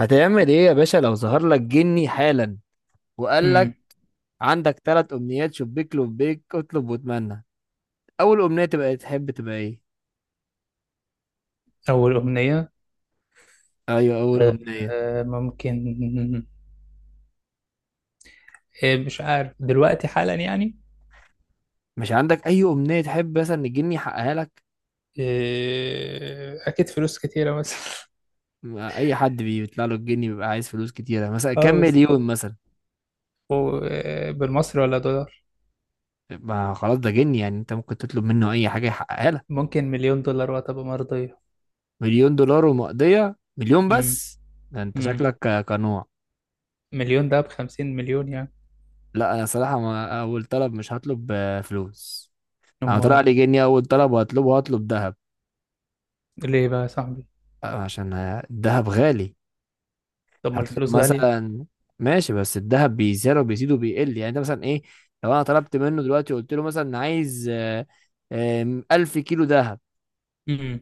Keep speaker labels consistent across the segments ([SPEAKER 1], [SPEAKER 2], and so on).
[SPEAKER 1] هتعمل ايه يا باشا لو ظهر لك جني حالا وقال لك
[SPEAKER 2] امم
[SPEAKER 1] عندك 3 امنيات، شبيك لبيك اطلب واتمنى. اول امنية تبقى إيه؟ تحب تبقى ايه؟
[SPEAKER 2] أول أغنية.
[SPEAKER 1] ايوه اول
[SPEAKER 2] آه،
[SPEAKER 1] امنية.
[SPEAKER 2] ممكن. مش عارف دلوقتي حالا يعني.
[SPEAKER 1] مش عندك اي امنية تحب مثلا إن الجني يحققها لك؟
[SPEAKER 2] آه، أكيد فلوس كتيرة مثلا.
[SPEAKER 1] ما اي حد بيطلع له الجني بيبقى عايز فلوس كتيرة، مثلا كام
[SPEAKER 2] اه بس.
[SPEAKER 1] مليون مثلا؟
[SPEAKER 2] بالمصري ولا دولار؟
[SPEAKER 1] ما خلاص ده جني يعني انت ممكن تطلب منه اي حاجة يحققها لك.
[SPEAKER 2] ممكن مليون دولار وهتبقى مرضية.
[SPEAKER 1] مليون دولار ومقضية؟ مليون
[SPEAKER 2] امم.
[SPEAKER 1] بس؟ ده انت
[SPEAKER 2] امم.
[SPEAKER 1] شكلك كنوع.
[SPEAKER 2] مليون ده ب50 مليون يعني.
[SPEAKER 1] لا انا صراحة، ما اول طلب مش هطلب فلوس. انا طلع
[SPEAKER 2] أمال.
[SPEAKER 1] لي جنيه اول طلب وهطلبه، هطلب دهب.
[SPEAKER 2] ليه بقى يا صاحبي؟
[SPEAKER 1] عشان الدهب غالي.
[SPEAKER 2] طب ما
[SPEAKER 1] هطلب
[SPEAKER 2] الفلوس غالية.
[SPEAKER 1] مثلا، ماشي بس الدهب بيزيد وبيزيد وبيقل، يعني انت مثلا ايه؟ لو انا طلبت منه دلوقتي وقلت له مثلا عايز ألف كيلو دهب.
[SPEAKER 2] امم.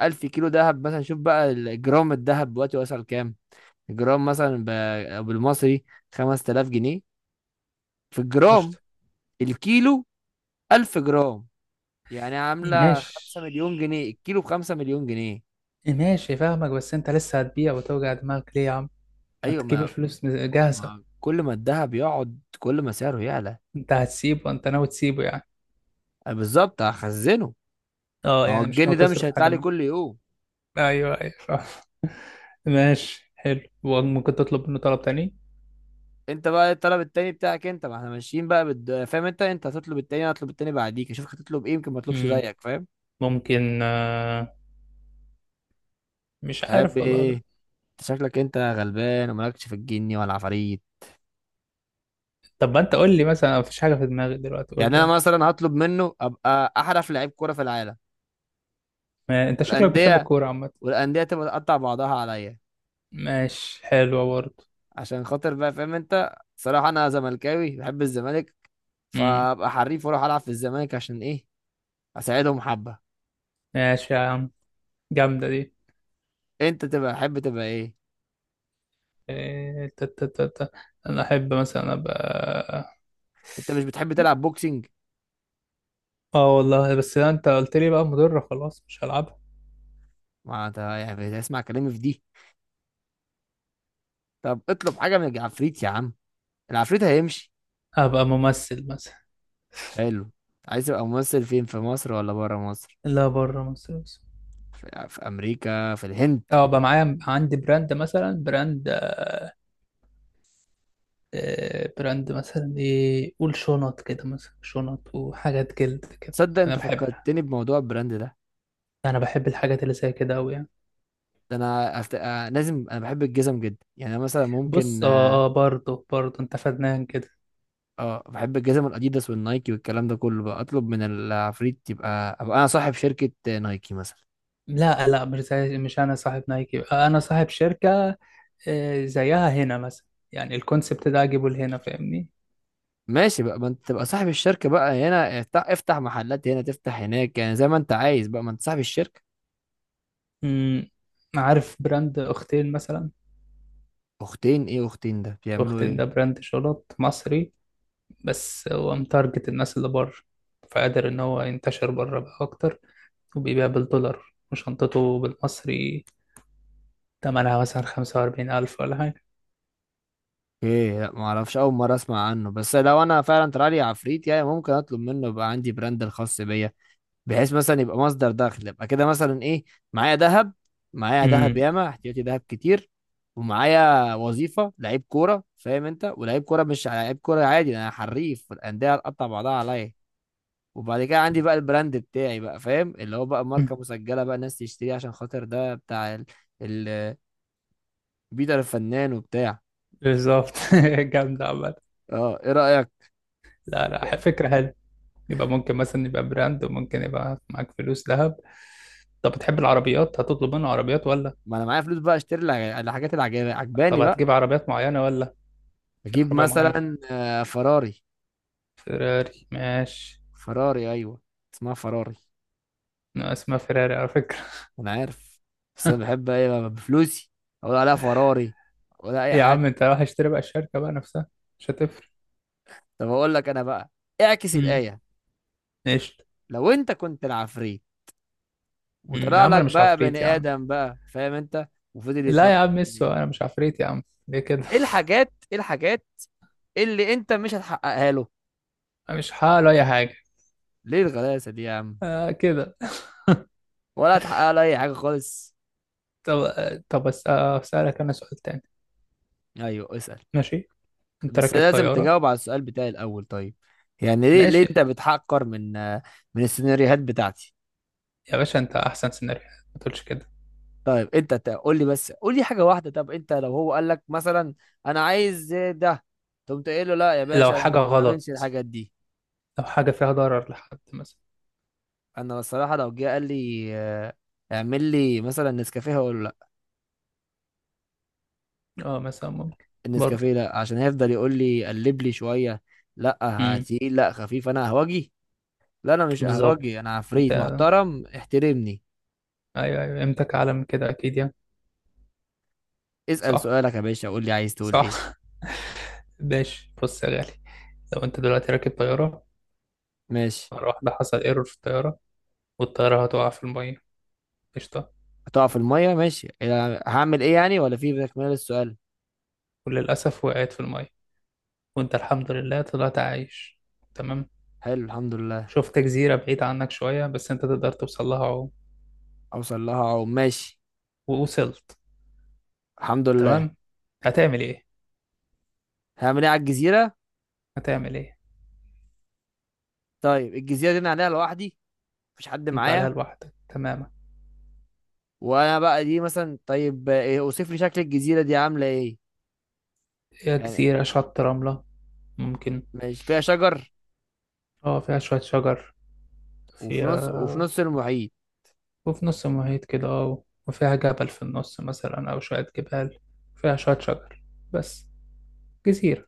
[SPEAKER 1] 1000 كيلو دهب مثلا، شوف بقى الجرام الدهب دلوقتي وصل كام. الجرام مثلا بالمصري 5000 جنيه في الجرام.
[SPEAKER 2] قشطة.
[SPEAKER 1] الكيلو 1000 جرام، يعني عاملة
[SPEAKER 2] ماشي،
[SPEAKER 1] 5 مليون جنيه. الكيلو ب5 مليون جنيه.
[SPEAKER 2] ماشي فاهمك، بس أنت لسه هتبيع وتوجع دماغك ليه يا عم؟ ما
[SPEAKER 1] أيوة
[SPEAKER 2] تجيب
[SPEAKER 1] ما،
[SPEAKER 2] الفلوس جاهزة.
[SPEAKER 1] ما كل ما الذهب يقعد كل ما سعره يعلى.
[SPEAKER 2] أنت هتسيبه؟ أنت ناوي تسيبه يعني؟
[SPEAKER 1] أنا بالظبط هخزنه.
[SPEAKER 2] اه،
[SPEAKER 1] ما هو
[SPEAKER 2] يعني مش
[SPEAKER 1] الجنيه
[SPEAKER 2] ناوي
[SPEAKER 1] ده مش
[SPEAKER 2] تصرف
[SPEAKER 1] هيطلع
[SPEAKER 2] حاجة
[SPEAKER 1] لي
[SPEAKER 2] منه.
[SPEAKER 1] كل يوم.
[SPEAKER 2] ايوه، ايوه فاهم. ماشي، حلو. وممكن تطلب منه طلب تاني؟
[SPEAKER 1] انت بقى إيه الطلب التاني بتاعك؟ انت ما احنا ماشيين بقى فاهم انت هتطلب التاني، انا هطلب التاني بعديك، اشوفك هتطلب ايه. يمكن ما اطلبش
[SPEAKER 2] مم.
[SPEAKER 1] زيك، فاهم؟
[SPEAKER 2] ممكن. مش
[SPEAKER 1] تحب
[SPEAKER 2] عارف
[SPEAKER 1] ايه؟
[SPEAKER 2] والله.
[SPEAKER 1] انت شكلك انت غلبان ومالكش في الجني ولا العفاريت.
[SPEAKER 2] طب ما انت قول لي مثلا، مفيش حاجة في دماغي دلوقتي، قول
[SPEAKER 1] يعني
[SPEAKER 2] لي
[SPEAKER 1] انا
[SPEAKER 2] يعني.
[SPEAKER 1] مثلا هطلب منه ابقى احرف لعيب كوره في العالم.
[SPEAKER 2] ما انت شكلك بتحب
[SPEAKER 1] والانديه،
[SPEAKER 2] الكورة عامة.
[SPEAKER 1] والانديه تبقى تقطع بعضها عليا.
[SPEAKER 2] ماشي، حلوة برضه.
[SPEAKER 1] عشان خاطر بقى، فاهم انت، صراحه انا زملكاوي بحب الزمالك،
[SPEAKER 2] مم.
[SPEAKER 1] فابقى حريف واروح العب في الزمالك. عشان ايه؟ اساعدهم حبه.
[SPEAKER 2] ماشي يا عم. جامدة دي.
[SPEAKER 1] انت تبقى تحب تبقى ايه؟
[SPEAKER 2] إيه، تا- تا- تا- تا. انا احب مثلا ابقى.
[SPEAKER 1] انت مش بتحب تلعب بوكسنج؟
[SPEAKER 2] اه، والله بس لا، انت قلت لي بقى مضرة، خلاص مش هلعبها.
[SPEAKER 1] ما انت يعني اسمع كلامي في دي. طب اطلب حاجه من العفريت يا عم، العفريت هيمشي.
[SPEAKER 2] ابقى ممثل مثلا.
[SPEAKER 1] حلو. عايز تبقى ممثل فين، في مصر ولا بره مصر؟
[SPEAKER 2] لا بره مصر.
[SPEAKER 1] في امريكا، في الهند.
[SPEAKER 2] اه، بقى معايا عندي براند مثلا، براند مثلا ايه؟ قول شنط كده مثلا، شنط وحاجات جلد كده.
[SPEAKER 1] تصدق
[SPEAKER 2] انا
[SPEAKER 1] انت
[SPEAKER 2] بحب
[SPEAKER 1] فكرتني بموضوع البراند ده.
[SPEAKER 2] انا بحب الحاجات اللي زي كده قوي يعني.
[SPEAKER 1] ده انا أفت... آه، لازم، انا بحب الجزم جدا، يعني أنا مثلا
[SPEAKER 2] بص،
[SPEAKER 1] ممكن اه.
[SPEAKER 2] اه اه، برضه برضه انت فنان كده.
[SPEAKER 1] بحب الجزم الاديداس والنايكي والكلام ده كله. بقى اطلب من العفريت يبقى ابقى انا صاحب شركه نايكي مثلا.
[SPEAKER 2] لا لا، مش انا صاحب نايكي، انا صاحب شركة. زيها هنا مثلا. يعني الكونسبت ده اجيبه لهنا، فاهمني؟
[SPEAKER 1] ماشي بقى، ما انت تبقى صاحب الشركة بقى هنا، افتح محلات هنا، تفتح هناك، يعني زي ما انت عايز بقى، ما انت صاحب الشركة.
[SPEAKER 2] امم. عارف براند اختين مثلا؟
[SPEAKER 1] اختين ايه؟ اختين ده بيعملوا
[SPEAKER 2] اختين ده
[SPEAKER 1] ايه؟
[SPEAKER 2] براند شنط مصري، بس هو متارجت الناس اللي بره. فقادر إن هو ينتشر بره بقى أكتر، وبيبيع بالدولار وشنطته بالمصري. تمنها مثلا 45,000 ولا حاجة.
[SPEAKER 1] ايه، لا ما اعرفش، اول مرة اسمع عنه. بس لو انا فعلا طلع لي عفريت يعني، ممكن اطلب منه يبقى عندي براند الخاص بيا، بحيث مثلا يبقى مصدر دخل. يبقى كده مثلا ايه؟ معايا ذهب، معايا
[SPEAKER 2] امم.
[SPEAKER 1] ياما، احتياطي ذهب كتير. ومعايا وظيفة لعيب كورة، فاهم انت، ولعيب كورة مش لعيب كورة عادي، انا حريف والاندية هتقطع بعضها عليا. وبعد كده عندي بقى البراند بتاعي بقى، فاهم، اللي هو بقى
[SPEAKER 2] أمم.
[SPEAKER 1] ماركة مسجلة، بقى الناس تشتريه عشان خاطر ده بتاع ال... بيتر الفنان وبتاع.
[SPEAKER 2] بالظبط. جامدة عامة.
[SPEAKER 1] اه، ايه رأيك؟
[SPEAKER 2] لا لا، فكرة حلوة. يبقى ممكن مثلا يبقى براند، وممكن يبقى معاك فلوس، ذهب. طب بتحب العربيات؟ هتطلب منه عربيات ولا؟
[SPEAKER 1] ما انا معايا فلوس بقى، اشتري الحاجات اللي
[SPEAKER 2] طب
[SPEAKER 1] عجباني بقى.
[SPEAKER 2] هتجيب عربيات معينة ولا؟ في
[SPEAKER 1] اجيب
[SPEAKER 2] عربية معينة.
[SPEAKER 1] مثلا فراري.
[SPEAKER 2] فيراري، ماشي.
[SPEAKER 1] فراري ايوه، اسمها فراري.
[SPEAKER 2] أنا اسمها فيراري على فكرة.
[SPEAKER 1] انا عارف، بس انا بحب ايه بقى، بفلوسي اقول عليها فراري ولا اي
[SPEAKER 2] إيه يا
[SPEAKER 1] حاجه.
[SPEAKER 2] عم، انت رايح اشتري بقى الشركة بقى نفسها؟ مش هتفرق.
[SPEAKER 1] طب اقول لك انا بقى، اعكس
[SPEAKER 2] امم.
[SPEAKER 1] الايه.
[SPEAKER 2] ماشي.
[SPEAKER 1] لو انت كنت العفريت
[SPEAKER 2] يا
[SPEAKER 1] وطلع
[SPEAKER 2] عم
[SPEAKER 1] لك
[SPEAKER 2] انا مش
[SPEAKER 1] بقى بني
[SPEAKER 2] عفريت يا عم.
[SPEAKER 1] ادم بقى، فاهم انت، وفضل
[SPEAKER 2] لا
[SPEAKER 1] يتنطط،
[SPEAKER 2] يا عم ميسو، انا مش عفريت يا عم. ليه كده؟
[SPEAKER 1] ايه الحاجات، ايه الحاجات اللي انت مش هتحققها له؟
[SPEAKER 2] أنا مش هعمل اي حاجه.
[SPEAKER 1] ليه الغلاسه دي يا عم؟
[SPEAKER 2] آه كده.
[SPEAKER 1] ولا هتحقق له اي حاجه خالص؟
[SPEAKER 2] طب طب بس اسالك انا سؤال تاني.
[SPEAKER 1] ايوه اسال،
[SPEAKER 2] ماشي. انت
[SPEAKER 1] بس
[SPEAKER 2] راكب
[SPEAKER 1] لازم
[SPEAKER 2] طياره.
[SPEAKER 1] تجاوب على السؤال بتاعي الاول، طيب؟ يعني ليه، ليه
[SPEAKER 2] ماشي.
[SPEAKER 1] انت بتحقر من من السيناريوهات بتاعتي؟
[SPEAKER 2] يا باشا انت احسن سيناريو، ما تقولش كده.
[SPEAKER 1] طيب انت قول لي بس، قول لي حاجه واحده، طب انت لو هو قال لك مثلا انا عايز ده، تقوم تقول له لا يا
[SPEAKER 2] لو
[SPEAKER 1] باشا
[SPEAKER 2] حاجه
[SPEAKER 1] انا ما
[SPEAKER 2] غلط
[SPEAKER 1] بعملش
[SPEAKER 2] مثلا،
[SPEAKER 1] الحاجات دي؟
[SPEAKER 2] لو حاجه فيها ضرر لحد مثلا.
[SPEAKER 1] انا الصراحه لو جه قال لي اعمل لي مثلا نسكافيه، هقول له
[SPEAKER 2] اه مثلا ممكن.
[SPEAKER 1] النسكافيه
[SPEAKER 2] برضه.
[SPEAKER 1] لا، عشان هيفضل يقول لي قلب لي شويه، لا
[SPEAKER 2] امم.
[SPEAKER 1] تقيل، لا خفيف، انا اهوجي. لا انا مش
[SPEAKER 2] بالظبط.
[SPEAKER 1] اهوجي، انا عفريت
[SPEAKER 2] انت.
[SPEAKER 1] محترم احترمني.
[SPEAKER 2] ايوه، ايوه قيمتك اعلى من كده اكيد يعني.
[SPEAKER 1] اسال
[SPEAKER 2] صح.
[SPEAKER 1] سؤالك يا باشا، قول لي عايز تقول ايه.
[SPEAKER 2] صح. ماشي، بص يا غالي. لو انت دلوقتي راكب طياره.
[SPEAKER 1] ماشي.
[SPEAKER 2] مره واحده حصل ايرور في الطياره، والطيارة هتقع في المية. قشطة.
[SPEAKER 1] هتقع في الميه، ماشي. هعمل ايه يعني ولا في تكمله للسؤال؟
[SPEAKER 2] وللأسف وقعت في المية، وأنت الحمد لله طلعت عايش. تمام.
[SPEAKER 1] حلو الحمد لله.
[SPEAKER 2] شفت جزيرة بعيدة عنك شوية، بس أنت تقدر توصل لها عوم.
[SPEAKER 1] اوصل لها اهو، ماشي.
[SPEAKER 2] ووصلت.
[SPEAKER 1] الحمد لله.
[SPEAKER 2] تمام. هتعمل إيه؟
[SPEAKER 1] هعمل ايه على الجزيره؟
[SPEAKER 2] هتعمل إيه؟
[SPEAKER 1] طيب الجزيره دي انا عليها لوحدي؟ مفيش حد
[SPEAKER 2] أنت عليها
[SPEAKER 1] معايا؟
[SPEAKER 2] لوحدك تماما.
[SPEAKER 1] وانا بقى دي مثلا، طيب ايه، اوصف لي شكل الجزيره دي، عامله ايه؟
[SPEAKER 2] هي
[SPEAKER 1] يعني
[SPEAKER 2] جزيرة شط رملة. ممكن.
[SPEAKER 1] مش فيها شجر؟
[SPEAKER 2] أه فيها شوية شجر.
[SPEAKER 1] وفي
[SPEAKER 2] فيها.
[SPEAKER 1] نص وفي نص المحيط.
[SPEAKER 2] وفي نص المحيط كده، أه وفيها جبل في النص مثلا أو شوية جبال. فيها شوية شجر بس. جزيرة.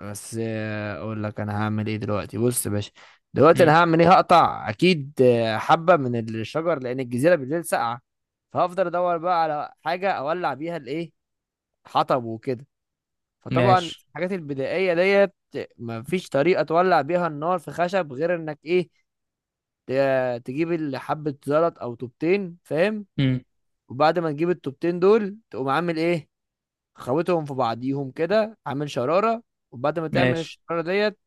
[SPEAKER 1] بس اقول لك انا هعمل ايه دلوقتي، بص يا باشا. دلوقتي
[SPEAKER 2] مم.
[SPEAKER 1] انا هعمل ايه، هقطع اكيد حبة من الشجر، لان الجزيرة بالليل ساقعة. فهفضل ادور بقى على حاجة اولع بيها الايه، حطب وكده. فطبعا في
[SPEAKER 2] ماشي.
[SPEAKER 1] الحاجات البدائية ديت، مفيش طريقة تولع بيها النار في خشب غير انك ايه، تجيب حبة زلط او طوبتين، فاهم.
[SPEAKER 2] مم.
[SPEAKER 1] وبعد ما تجيب الطوبتين دول تقوم عامل ايه، خوتهم في بعضيهم كده عامل شرارة. وبعد ما تعمل
[SPEAKER 2] ماشي.
[SPEAKER 1] الشرارة ديت،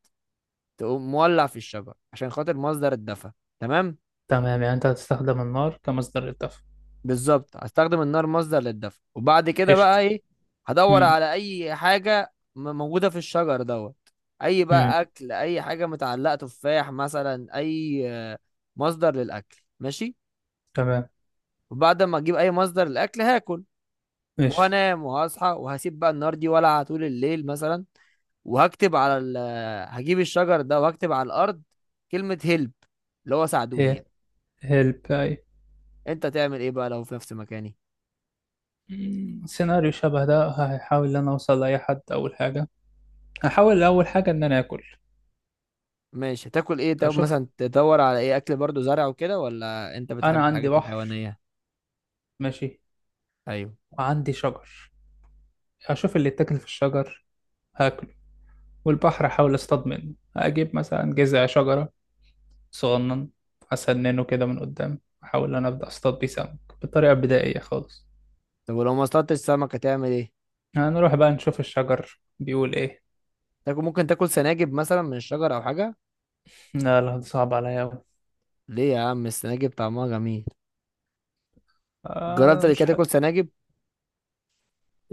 [SPEAKER 1] تقوم مولع في الشجر عشان خاطر مصدر الدفع، تمام.
[SPEAKER 2] تمام، يعني انت هتستخدم النار كمصدر للدفع.
[SPEAKER 1] بالظبط، هستخدم النار مصدر للدفع، وبعد كده بقى
[SPEAKER 2] قشطة.
[SPEAKER 1] ايه، هدور
[SPEAKER 2] امم.
[SPEAKER 1] على اي حاجة موجودة في الشجر دوت، اي
[SPEAKER 2] امم.
[SPEAKER 1] بقى اكل، اي حاجة متعلقة، تفاح مثلا، اي مصدر للاكل، ماشي.
[SPEAKER 2] تمام.
[SPEAKER 1] وبعد ما اجيب اي مصدر للاكل هاكل،
[SPEAKER 2] قشطة.
[SPEAKER 1] وهنام وهصحى، وهسيب بقى النار دي ولعة طول الليل مثلا. وهكتب على هجيب الشجر ده وهكتب على الارض كلمة هيلب، اللي هو ساعدوني
[SPEAKER 2] هيل
[SPEAKER 1] يعني.
[SPEAKER 2] هيلب اي.
[SPEAKER 1] انت تعمل ايه بقى لو في نفس مكاني؟
[SPEAKER 2] سيناريو شبه ده، هحاول ان انا اوصل لاي حد اول حاجة. هحاول اول حاجة ان انا اكل.
[SPEAKER 1] ماشي، هتاكل ايه؟ طب
[SPEAKER 2] اشوف.
[SPEAKER 1] مثلا تدور على ايه، اكل برضو، زرع وكده، ولا انت
[SPEAKER 2] انا
[SPEAKER 1] بتحب
[SPEAKER 2] عندي
[SPEAKER 1] الحاجات
[SPEAKER 2] بحر،
[SPEAKER 1] الحيوانية؟
[SPEAKER 2] ماشي،
[SPEAKER 1] ايوه.
[SPEAKER 2] وعندي شجر. اشوف اللي اتاكل في الشجر هاكله. والبحر احاول اصطاد منه. اجيب مثلا جذع شجرة صغنن، اسننه كده من قدام، احاول ان انا ابدا اصطاد بيه سمك بطريقة بدائية خالص.
[SPEAKER 1] طب ولو ما اصطادتش سمك هتعمل ايه؟
[SPEAKER 2] هنروح بقى نشوف الشجر بيقول ايه.
[SPEAKER 1] تاكل، ممكن تاكل سناجب مثلا من الشجر او حاجة.
[SPEAKER 2] لا لا، ده صعب عليا أوي.
[SPEAKER 1] ليه يا عم، السناجب طعمها جميل. جربت
[SPEAKER 2] آه
[SPEAKER 1] قبل
[SPEAKER 2] مش
[SPEAKER 1] كده
[SPEAKER 2] ح...
[SPEAKER 1] تاكل سناجب؟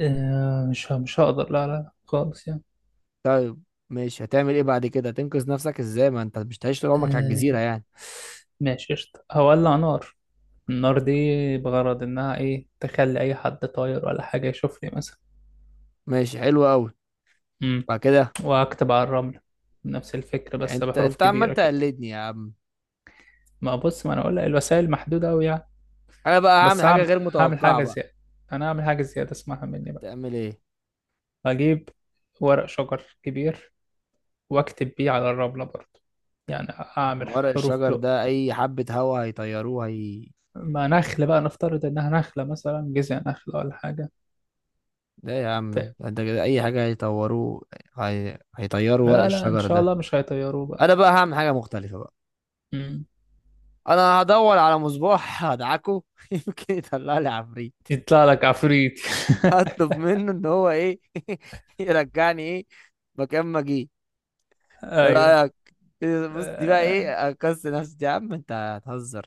[SPEAKER 2] آه مش ه... مش هقدر، لا لا لا، خالص يعني.
[SPEAKER 1] طيب، ماشي. هتعمل ايه بعد كده، هتنقذ نفسك ازاي؟ ما انت مش هتعيش طول عمرك على
[SPEAKER 2] آه
[SPEAKER 1] الجزيرة يعني.
[SPEAKER 2] ماشي قشطة. هولع نار. النار دي بغرض إنها إيه؟ تخلي أي حد طاير ولا حاجة يشوفني مثلا.
[SPEAKER 1] ماشي حلو قوي.
[SPEAKER 2] مم.
[SPEAKER 1] بعد كده؟
[SPEAKER 2] وأكتب على الرمل نفس الفكرة،
[SPEAKER 1] يعني
[SPEAKER 2] بس
[SPEAKER 1] انت
[SPEAKER 2] بحروف
[SPEAKER 1] انت عمال
[SPEAKER 2] كبيرة كده.
[SPEAKER 1] تقلدني يا عم.
[SPEAKER 2] ما بص، ما أنا أقول لك الوسائل محدودة أوي يعني.
[SPEAKER 1] انا بقى هعمل
[SPEAKER 2] بس
[SPEAKER 1] حاجه
[SPEAKER 2] هعمل
[SPEAKER 1] غير
[SPEAKER 2] هعمل
[SPEAKER 1] متوقعه
[SPEAKER 2] حاجة
[SPEAKER 1] بقى.
[SPEAKER 2] زيادة. أنا هعمل حاجة زيادة، اسمعها مني بقى.
[SPEAKER 1] هتعمل ايه؟
[SPEAKER 2] هجيب ورق شجر كبير، واكتب بيه على الرملة برضه، يعني اعمل
[SPEAKER 1] ورق
[SPEAKER 2] حروف
[SPEAKER 1] الشجر
[SPEAKER 2] ب.
[SPEAKER 1] ده اي حبه هوا هيطيروه هي.
[SPEAKER 2] ما نخلة بقى، نفترض انها نخلة مثلا، جذع نخلة ولا حاجة.
[SPEAKER 1] ده يا
[SPEAKER 2] ف...
[SPEAKER 1] عم، انت كده اي حاجه هيطوروه. هيطيروا ورق
[SPEAKER 2] لا لا، ان
[SPEAKER 1] الشجر
[SPEAKER 2] شاء
[SPEAKER 1] ده.
[SPEAKER 2] الله مش هيطيروه بقى.
[SPEAKER 1] انا بقى هعمل حاجه مختلفه بقى.
[SPEAKER 2] مم.
[SPEAKER 1] انا هدور على مصباح هدعكه يمكن يطلع لي عفريت.
[SPEAKER 2] يطلع لك عفريت.
[SPEAKER 1] هطلب منه ان هو ايه، يرجعني ايه، مكان ما جه. ايه
[SPEAKER 2] ايوه.
[SPEAKER 1] رايك؟ بص دي بقى
[SPEAKER 2] آه.
[SPEAKER 1] ايه، اكس نفسي يا عم، انت هتهزر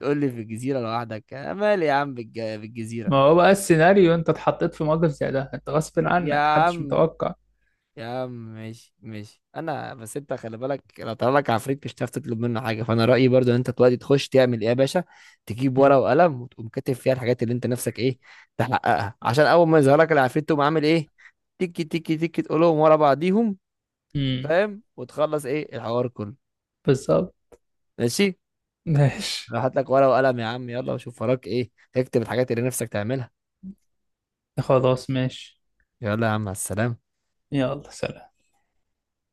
[SPEAKER 1] تقول لي في الجزيرة لوحدك، أنا مالي يا عم بالجزيرة.
[SPEAKER 2] ما هو بقى السيناريو، انت اتحطيت في موقف زي ده، انت غصب
[SPEAKER 1] يا
[SPEAKER 2] عنك، محدش
[SPEAKER 1] عم،
[SPEAKER 2] متوقع.
[SPEAKER 1] يا عم ماشي ماشي، انا بس انت خلي بالك، لو طلع لك عفريت مش هتعرف تطلب منه حاجه. فانا رايي برضو ان انت دلوقتي تخش تعمل ايه يا باشا، تجيب
[SPEAKER 2] مم.
[SPEAKER 1] ورقه وقلم وتقوم كاتب فيها الحاجات اللي انت نفسك ايه، تحققها. عشان اول ما يظهر لك العفريت تقوم عامل ايه، تيكي تيكي تيكي، تقولهم ورا بعضيهم،
[SPEAKER 2] مم.
[SPEAKER 1] فاهم، وتخلص ايه الحوار كله.
[SPEAKER 2] بالظبط.
[SPEAKER 1] ماشي.
[SPEAKER 2] ماشي.
[SPEAKER 1] راح هات لك ورقه وقلم يا عم، يلا، وشوف وراك ايه، تكتب الحاجات اللي نفسك تعملها.
[SPEAKER 2] خلاص ماشي.
[SPEAKER 1] يلا يا عم على السلامه.
[SPEAKER 2] يلا سلام.